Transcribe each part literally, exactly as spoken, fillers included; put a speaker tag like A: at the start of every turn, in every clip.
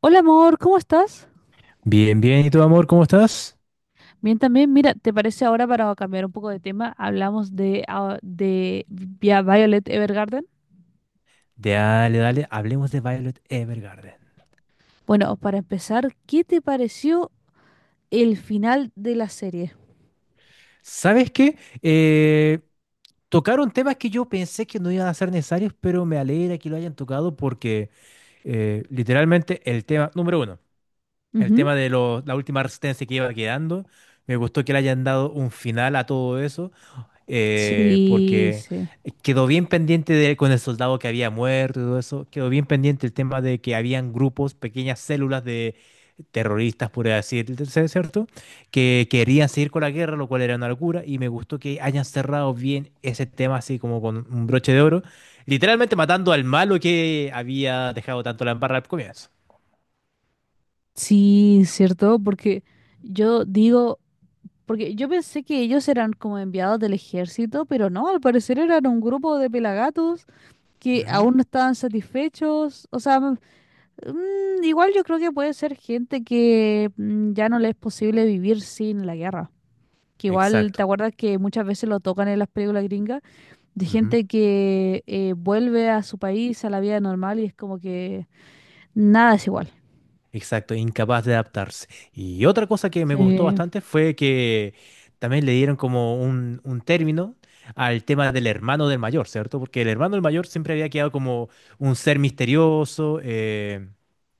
A: Hola amor, ¿cómo estás?
B: Bien, bien, ¿y tu amor, cómo estás?
A: Bien también, mira, ¿te parece ahora para cambiar un poco de tema? Hablamos de, ah, de Vi- Violet Evergarden.
B: Dale, dale, hablemos de Violet Evergarden.
A: Bueno, para empezar, ¿qué te pareció el final de la serie?
B: ¿Sabes qué? Eh, tocaron temas que yo pensé que no iban a ser necesarios, pero me alegra que lo hayan tocado porque eh, literalmente el tema, número uno, el
A: Ujú.
B: tema de lo- la última resistencia que iba quedando, me gustó que le hayan dado un final a todo eso. Eh,
A: Sí,
B: porque
A: sí.
B: quedó bien pendiente de- con el soldado que había muerto y todo eso, quedó bien pendiente el tema de que habían grupos, pequeñas células de terroristas, por así decirlo, ¿cierto? Que querían seguir con la guerra, lo cual era una locura, y me gustó que hayan cerrado bien ese tema así como con un broche de oro, literalmente matando al malo que había dejado tanto la embarra al comienzo.
A: Sí, cierto, porque yo digo, porque yo pensé que ellos eran como enviados del ejército, pero no, al parecer eran un grupo de pelagatos que
B: Ujú.
A: aún no estaban satisfechos. O sea, mm, igual yo creo que puede ser gente que mm, ya no le es posible vivir sin la guerra. Que igual, ¿te
B: Exacto.
A: acuerdas que muchas veces lo tocan en las películas gringas? De gente que eh, vuelve a su país, a la vida normal y es como que nada es igual.
B: Exacto, incapaz de adaptarse. Y otra cosa que me gustó
A: Sí.
B: bastante fue que también le dieron como un, un término al tema del hermano del mayor, ¿cierto? Porque el hermano del mayor siempre había quedado como un ser misterioso, eh,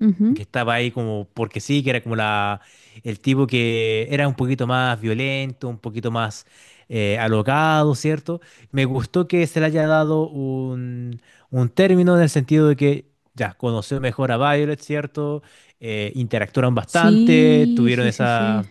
A: Ujú.
B: que estaba ahí como porque sí, que era como la, el tipo que era un poquito más violento, un poquito más eh, alocado, ¿cierto? Me gustó que se le haya dado un, un término en el sentido de que ya conoció mejor a Violet, ¿cierto? Eh, interactuaron bastante,
A: Sí,
B: tuvieron
A: sí, sí,
B: esa,
A: sí.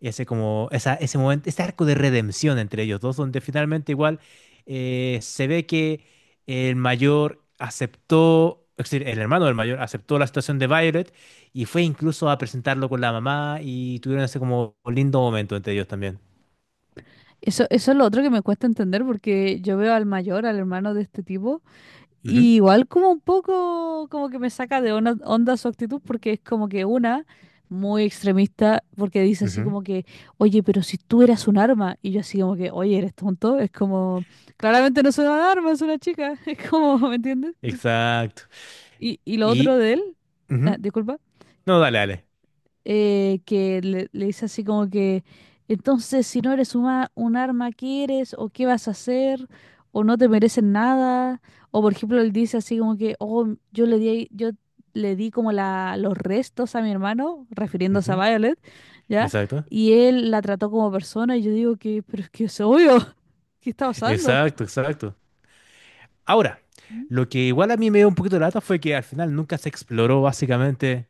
B: ese como, esa, ese momento, ese arco de redención entre ellos dos, donde finalmente igual eh, se ve que el mayor aceptó, es decir, el hermano del mayor aceptó la situación de Violet y fue incluso a presentarlo con la mamá y tuvieron ese como lindo momento entre ellos también.
A: Eso, eso es lo otro que me cuesta entender porque yo veo al mayor, al hermano de este tipo.
B: Ujú,
A: Y igual como un poco como que me saca de ona- onda su actitud porque es como que una muy extremista porque dice así
B: ujú,
A: como que, oye, pero si tú eras un arma y yo así como que, oye, eres tonto, es como, claramente no es un arma, es una chica, es como, ¿me entiendes?
B: exacto.
A: Y, y lo otro
B: Y...
A: de él, ah,
B: ujú.
A: disculpa,
B: No, dale, dale.
A: eh, que le, le dice así como que, entonces si no eres una- un arma, ¿qué eres? ¿O qué vas a hacer? ¿O no te merecen nada? O por ejemplo, él dice así como que, oh, yo le di, yo le di como la, los restos a mi hermano, refiriéndose a
B: Ujú,
A: Violet, ¿ya?
B: exacto.
A: Y él la trató como persona y yo digo que, pero es que es obvio, ¿qué está pasando?
B: Exacto, exacto. Ahora,
A: Mm.
B: lo que igual a mí me dio un poquito de lata fue que al final nunca se exploró básicamente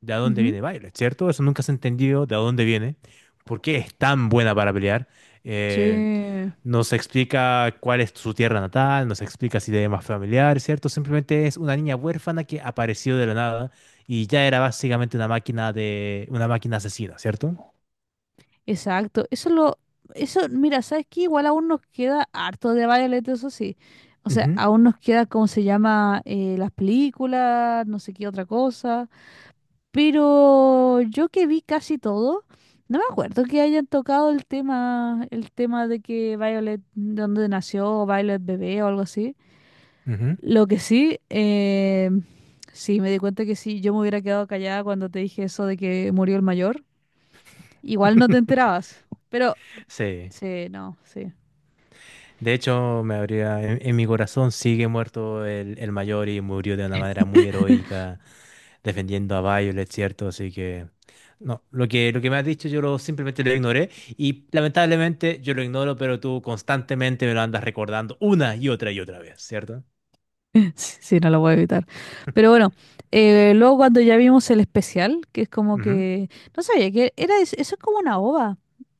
B: de a dónde
A: Ujú.
B: viene Violet, ¿cierto? Eso nunca se entendió de a dónde viene, por qué es tan buena para pelear. Eh,
A: Sí.
B: Nos explica cuál es su tierra natal, nos explica si tiene más familiar, ¿cierto? Simplemente es una niña huérfana que apareció de la nada y ya era básicamente una máquina de una máquina asesina, ¿cierto?
A: Exacto, eso lo, eso, mira, ¿sabes qué? Igual aún nos queda harto de Violet, eso sí. O sea,
B: Ujú,
A: aún nos queda, ¿cómo se llama? Eh, las películas, no sé qué otra cosa. Pero yo que vi casi todo, no me acuerdo que hayan tocado el tema, el tema de que Violet, de dónde nació, Violet bebé o algo así.
B: ujú.
A: Lo que sí, eh, sí, me di cuenta que sí, yo me hubiera quedado callada cuando te dije eso de que murió el mayor. Igual no te enterabas. Pero
B: Sí.
A: sí, no, sí.
B: De hecho, me habría en, en mi corazón sigue muerto el, el mayor y murió de una manera muy heroica, defendiendo a Violet, ¿cierto? Así que no, lo que, lo que me has dicho yo lo, simplemente lo ignoré y lamentablemente yo lo ignoro, pero tú constantemente me lo andas recordando una y otra y otra vez, ¿cierto?
A: Sí, no lo voy a evitar. Pero bueno, eh, luego cuando ya vimos el especial, que es como
B: Ujú.
A: que... No sabía que era... es- eso es como una ova.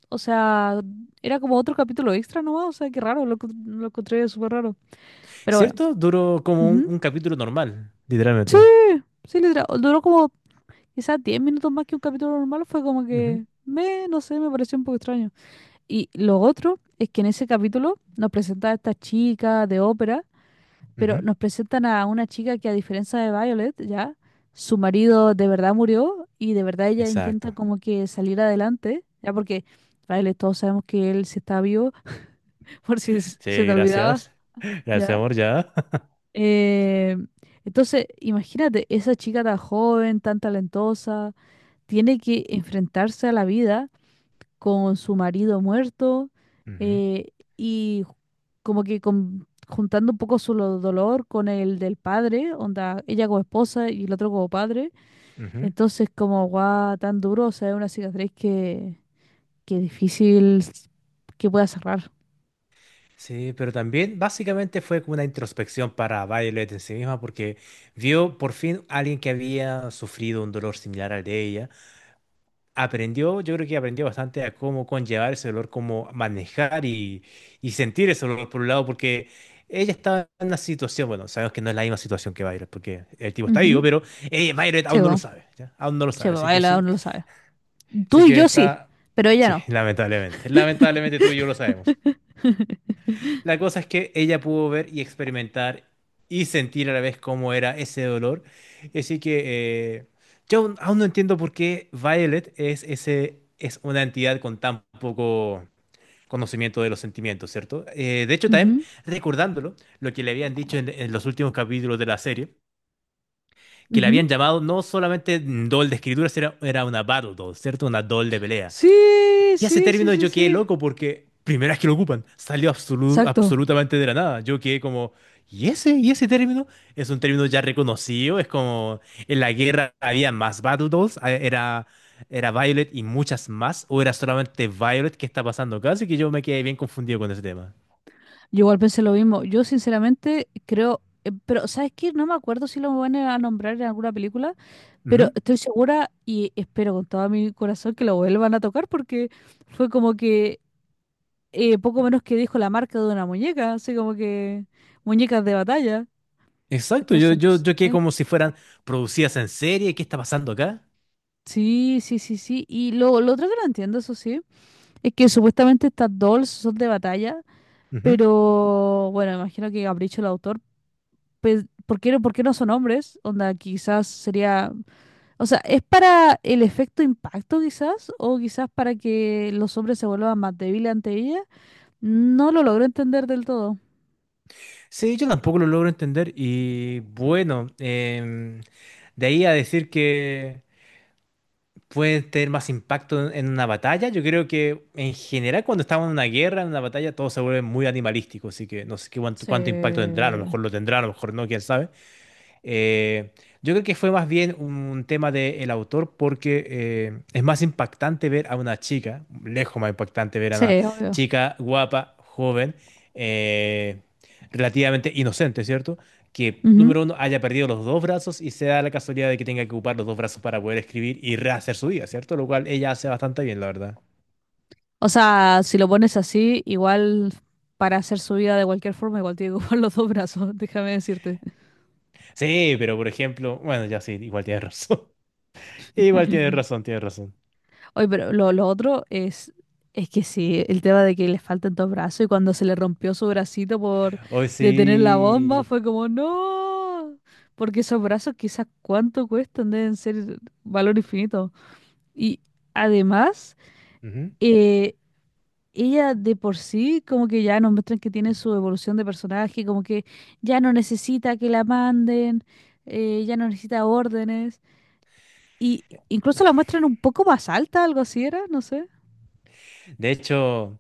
A: O sea, era como otro capítulo extra nomás. O sea, qué raro, lo, encont- lo encontré súper raro. Pero bueno.
B: ¿Cierto? Duró como un,
A: Ujú.
B: un capítulo normal, literalmente.
A: Sí, sí, literal, duró como quizás diez minutos más que un capítulo normal. Fue como
B: Ujú,
A: que, me, no sé, me pareció un poco extraño. Y lo otro es que en ese capítulo nos presenta a esta chica de ópera, pero
B: ujú.
A: nos presentan a una chica que a diferencia de Violet, ya, su marido de verdad murió y de verdad ella intenta
B: Exacto.
A: como que salir adelante, ya, porque Violet todos sabemos que él sí está vivo, por si s- se
B: Sí,
A: te olvidaba,
B: gracias. Gracias,
A: ya.
B: amor, ya.
A: Eh, entonces, imagínate, esa chica tan joven, tan talentosa, tiene que enfrentarse a la vida con su marido muerto,
B: Ujú,
A: eh, y como que con- juntando un poco su lo- dolor con el del padre, onda, ella como esposa y el otro como padre.
B: ujú.
A: Entonces, como guau, tan duro, o sea, es una cicatriz que, que difícil s- que pueda cerrar.
B: Sí, pero también básicamente fue como una introspección para Violet en sí misma porque vio por fin a alguien que había sufrido un dolor similar al de ella. Aprendió, yo creo que aprendió bastante a cómo conllevar ese dolor, cómo manejar y, y sentir ese dolor por un lado, porque ella estaba en una situación, bueno, sabemos que no es la misma situación que Violet, porque el tipo está vivo,
A: Ujú.
B: pero eh, Violet
A: Se
B: aún no lo
A: va,
B: sabe, ¿ya? Aún no lo
A: se
B: sabe,
A: va,
B: así que
A: baila,
B: sí,
A: uno lo sabe. Tú
B: así
A: y
B: que
A: yo sí,
B: está,
A: pero ella
B: sí,
A: no.
B: lamentablemente, lamentablemente tú y yo lo sabemos. La cosa es que ella pudo ver y experimentar y sentir a la vez cómo era ese dolor. Así que eh, yo aún aún no entiendo por qué Violet es, ese, es una entidad con tan poco conocimiento de los sentimientos, ¿cierto? Eh, de hecho, también
A: Ujú,
B: recordándolo, lo que le habían dicho en, en los últimos capítulos de la serie, que le
A: ujú.
B: habían llamado no solamente doll de escritura, era, era una battle doll, ¿cierto? Una doll de pelea.
A: Sí,
B: Y ese
A: sí, sí,
B: término
A: sí,
B: yo quedé
A: sí.
B: loco porque primera vez que lo ocupan, salió absolu-
A: Exacto.
B: absolutamente de la nada. Yo quedé como, ¿y ese? ¿Y ese término? Es un término ya reconocido, es como en la guerra había más Battle Dolls, a- era, era Violet y muchas más, o era solamente Violet que está pasando acá, así que yo me quedé bien confundido con ese tema.
A: Yo igual pensé lo mismo. Yo sinceramente creo, eh, pero ¿sabes qué? No me acuerdo si lo van a nombrar en alguna película, pero
B: Ujú.
A: estoy segura y espero con todo mi corazón que lo vuelvan a tocar porque fue como que eh, poco menos que dijo la marca de una muñeca, así como que muñecas de batalla.
B: Exacto, yo,
A: Entonces, no
B: yo,
A: sé.
B: yo quedé como si fueran producidas en serie, ¿qué está pasando acá?
A: Sí, sí, sí, sí. Y lo, lo otro que no entiendo, eso sí, es que supuestamente estas dolls son de batalla,
B: Ujú.
A: pero bueno, imagino que capricho el autor pues, ¿por qué, no- ¿por qué no son hombres? Onda, quizás sería, o sea, ¿es para el efecto impacto quizás? ¿O quizás para que los hombres se vuelvan más débiles ante ella? No lo logro entender del todo.
B: Sí, yo tampoco lo logro entender y bueno, em, de ahí a decir que... pueden tener más impacto en, en una batalla. Yo creo que en general cuando estamos en una guerra, en una batalla, todo se vuelve muy animalístico, así que no sé qué cuánto,
A: Sí,
B: cuánto impacto tendrá, a lo mejor lo tendrá, a lo mejor no, quién sabe. Eh, yo creo que fue más bien un tema del autor porque eh, es más impactante ver a una chica, lejos más impactante ver a
A: sí,
B: una
A: obvio.
B: chica guapa, joven, eh, relativamente inocente, ¿cierto? Que,
A: Ujú.
B: número uno, haya perdido los dos brazos y se da la casualidad de que tenga que ocupar los dos brazos para poder escribir y rehacer su vida, ¿cierto? Lo cual ella hace bastante bien, la verdad.
A: O sea, si lo pones así, igual para hacer su vida de cualquier forma, igual tiene que ocupar los dos brazos, déjame decirte.
B: Sí, pero por ejemplo, bueno, ya sí, igual tienes razón. Igual tienes razón, tienes razón.
A: Oye, pero lo, lo otro es, es que sí, el tema de que le faltan dos brazos y cuando se le rompió su bracito por
B: Hoy
A: detener la bomba
B: sí.
A: fue como, no, porque esos brazos quizás cuánto cuestan, deben ser valor infinito. Y además,
B: Ujú.
A: eh, ella de por sí como que ya nos muestran que tiene su evolución de personaje, como que ya no necesita que la manden, eh, ya no necesita órdenes. Y incluso la muestran un poco más alta, algo así era, no sé.
B: De hecho.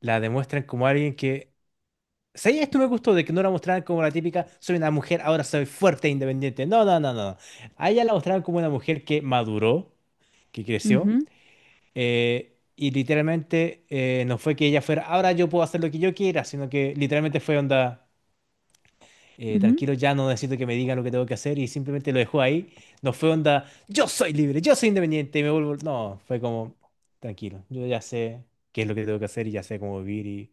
B: La demuestran como alguien que... ¿Sabes? Esto me gustó de que no la mostraran como la típica, soy una mujer, ahora soy fuerte e independiente. No, no, no, no. A ella la mostraron como una mujer que maduró, que creció,
A: Ujú.
B: eh, y literalmente eh, no fue que ella fuera, ahora yo puedo hacer lo que yo quiera, sino que literalmente fue onda, eh,
A: Ujú.
B: tranquilo, ya no necesito que me digan lo que tengo que hacer y simplemente lo dejó ahí. No fue onda, yo soy libre, yo soy independiente y me vuelvo... No, fue como, tranquilo, yo ya sé qué es lo que tengo que hacer y ya sé cómo vivir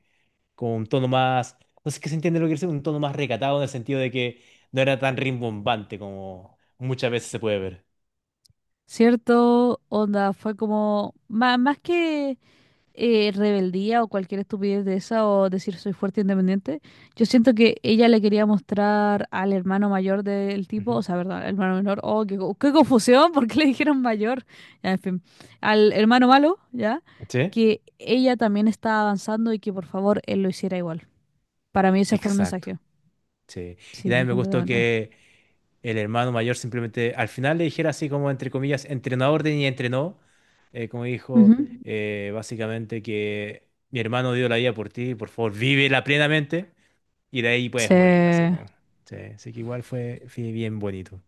B: con un tono más, no sé qué se entiende lo que quiere decir, un tono más recatado en el sentido de que no era tan rimbombante como muchas veces se puede ver.
A: ¿Cierto? Onda, fue como, má- más, que eh, rebeldía o cualquier estupidez de esa o decir soy fuerte e independiente, yo siento que ella le quería mostrar al hermano mayor del tipo, o
B: Ujú.
A: sea, perdón, al hermano menor, oh, qué, co- qué confusión, ¿por qué le dijeron mayor? Ya, en fin, al hermano malo, ¿ya?
B: ¿Sí?
A: Que ella también estaba avanzando y que por favor él lo hiciera igual. Para mí ese fue el
B: Exacto.
A: mensaje.
B: Sí. Y
A: Sí,
B: también me gustó
A: completamente.
B: que el hermano mayor simplemente al final le dijera así como entre comillas, entrenó a orden y entrenó, eh, como dijo,
A: Ujú.
B: eh, básicamente que mi hermano dio la vida por ti, por favor, vívela plenamente y de ahí puedes
A: Sí.
B: morir, así como. Sí, así que igual fue, fue bien bonito.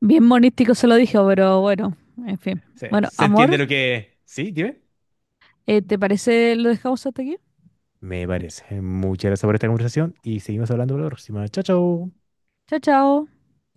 A: Bien monístico se lo dije, pero bueno, en fin.
B: Sí,
A: Bueno,
B: ¿se entiende
A: amor,
B: lo que... Sí, dime?
A: eh, ¿te parece lo dejamos hasta aquí?
B: Me parece. Muchas gracias por esta conversación y seguimos hablando la próxima. Chao, chao.
A: Chao, chao.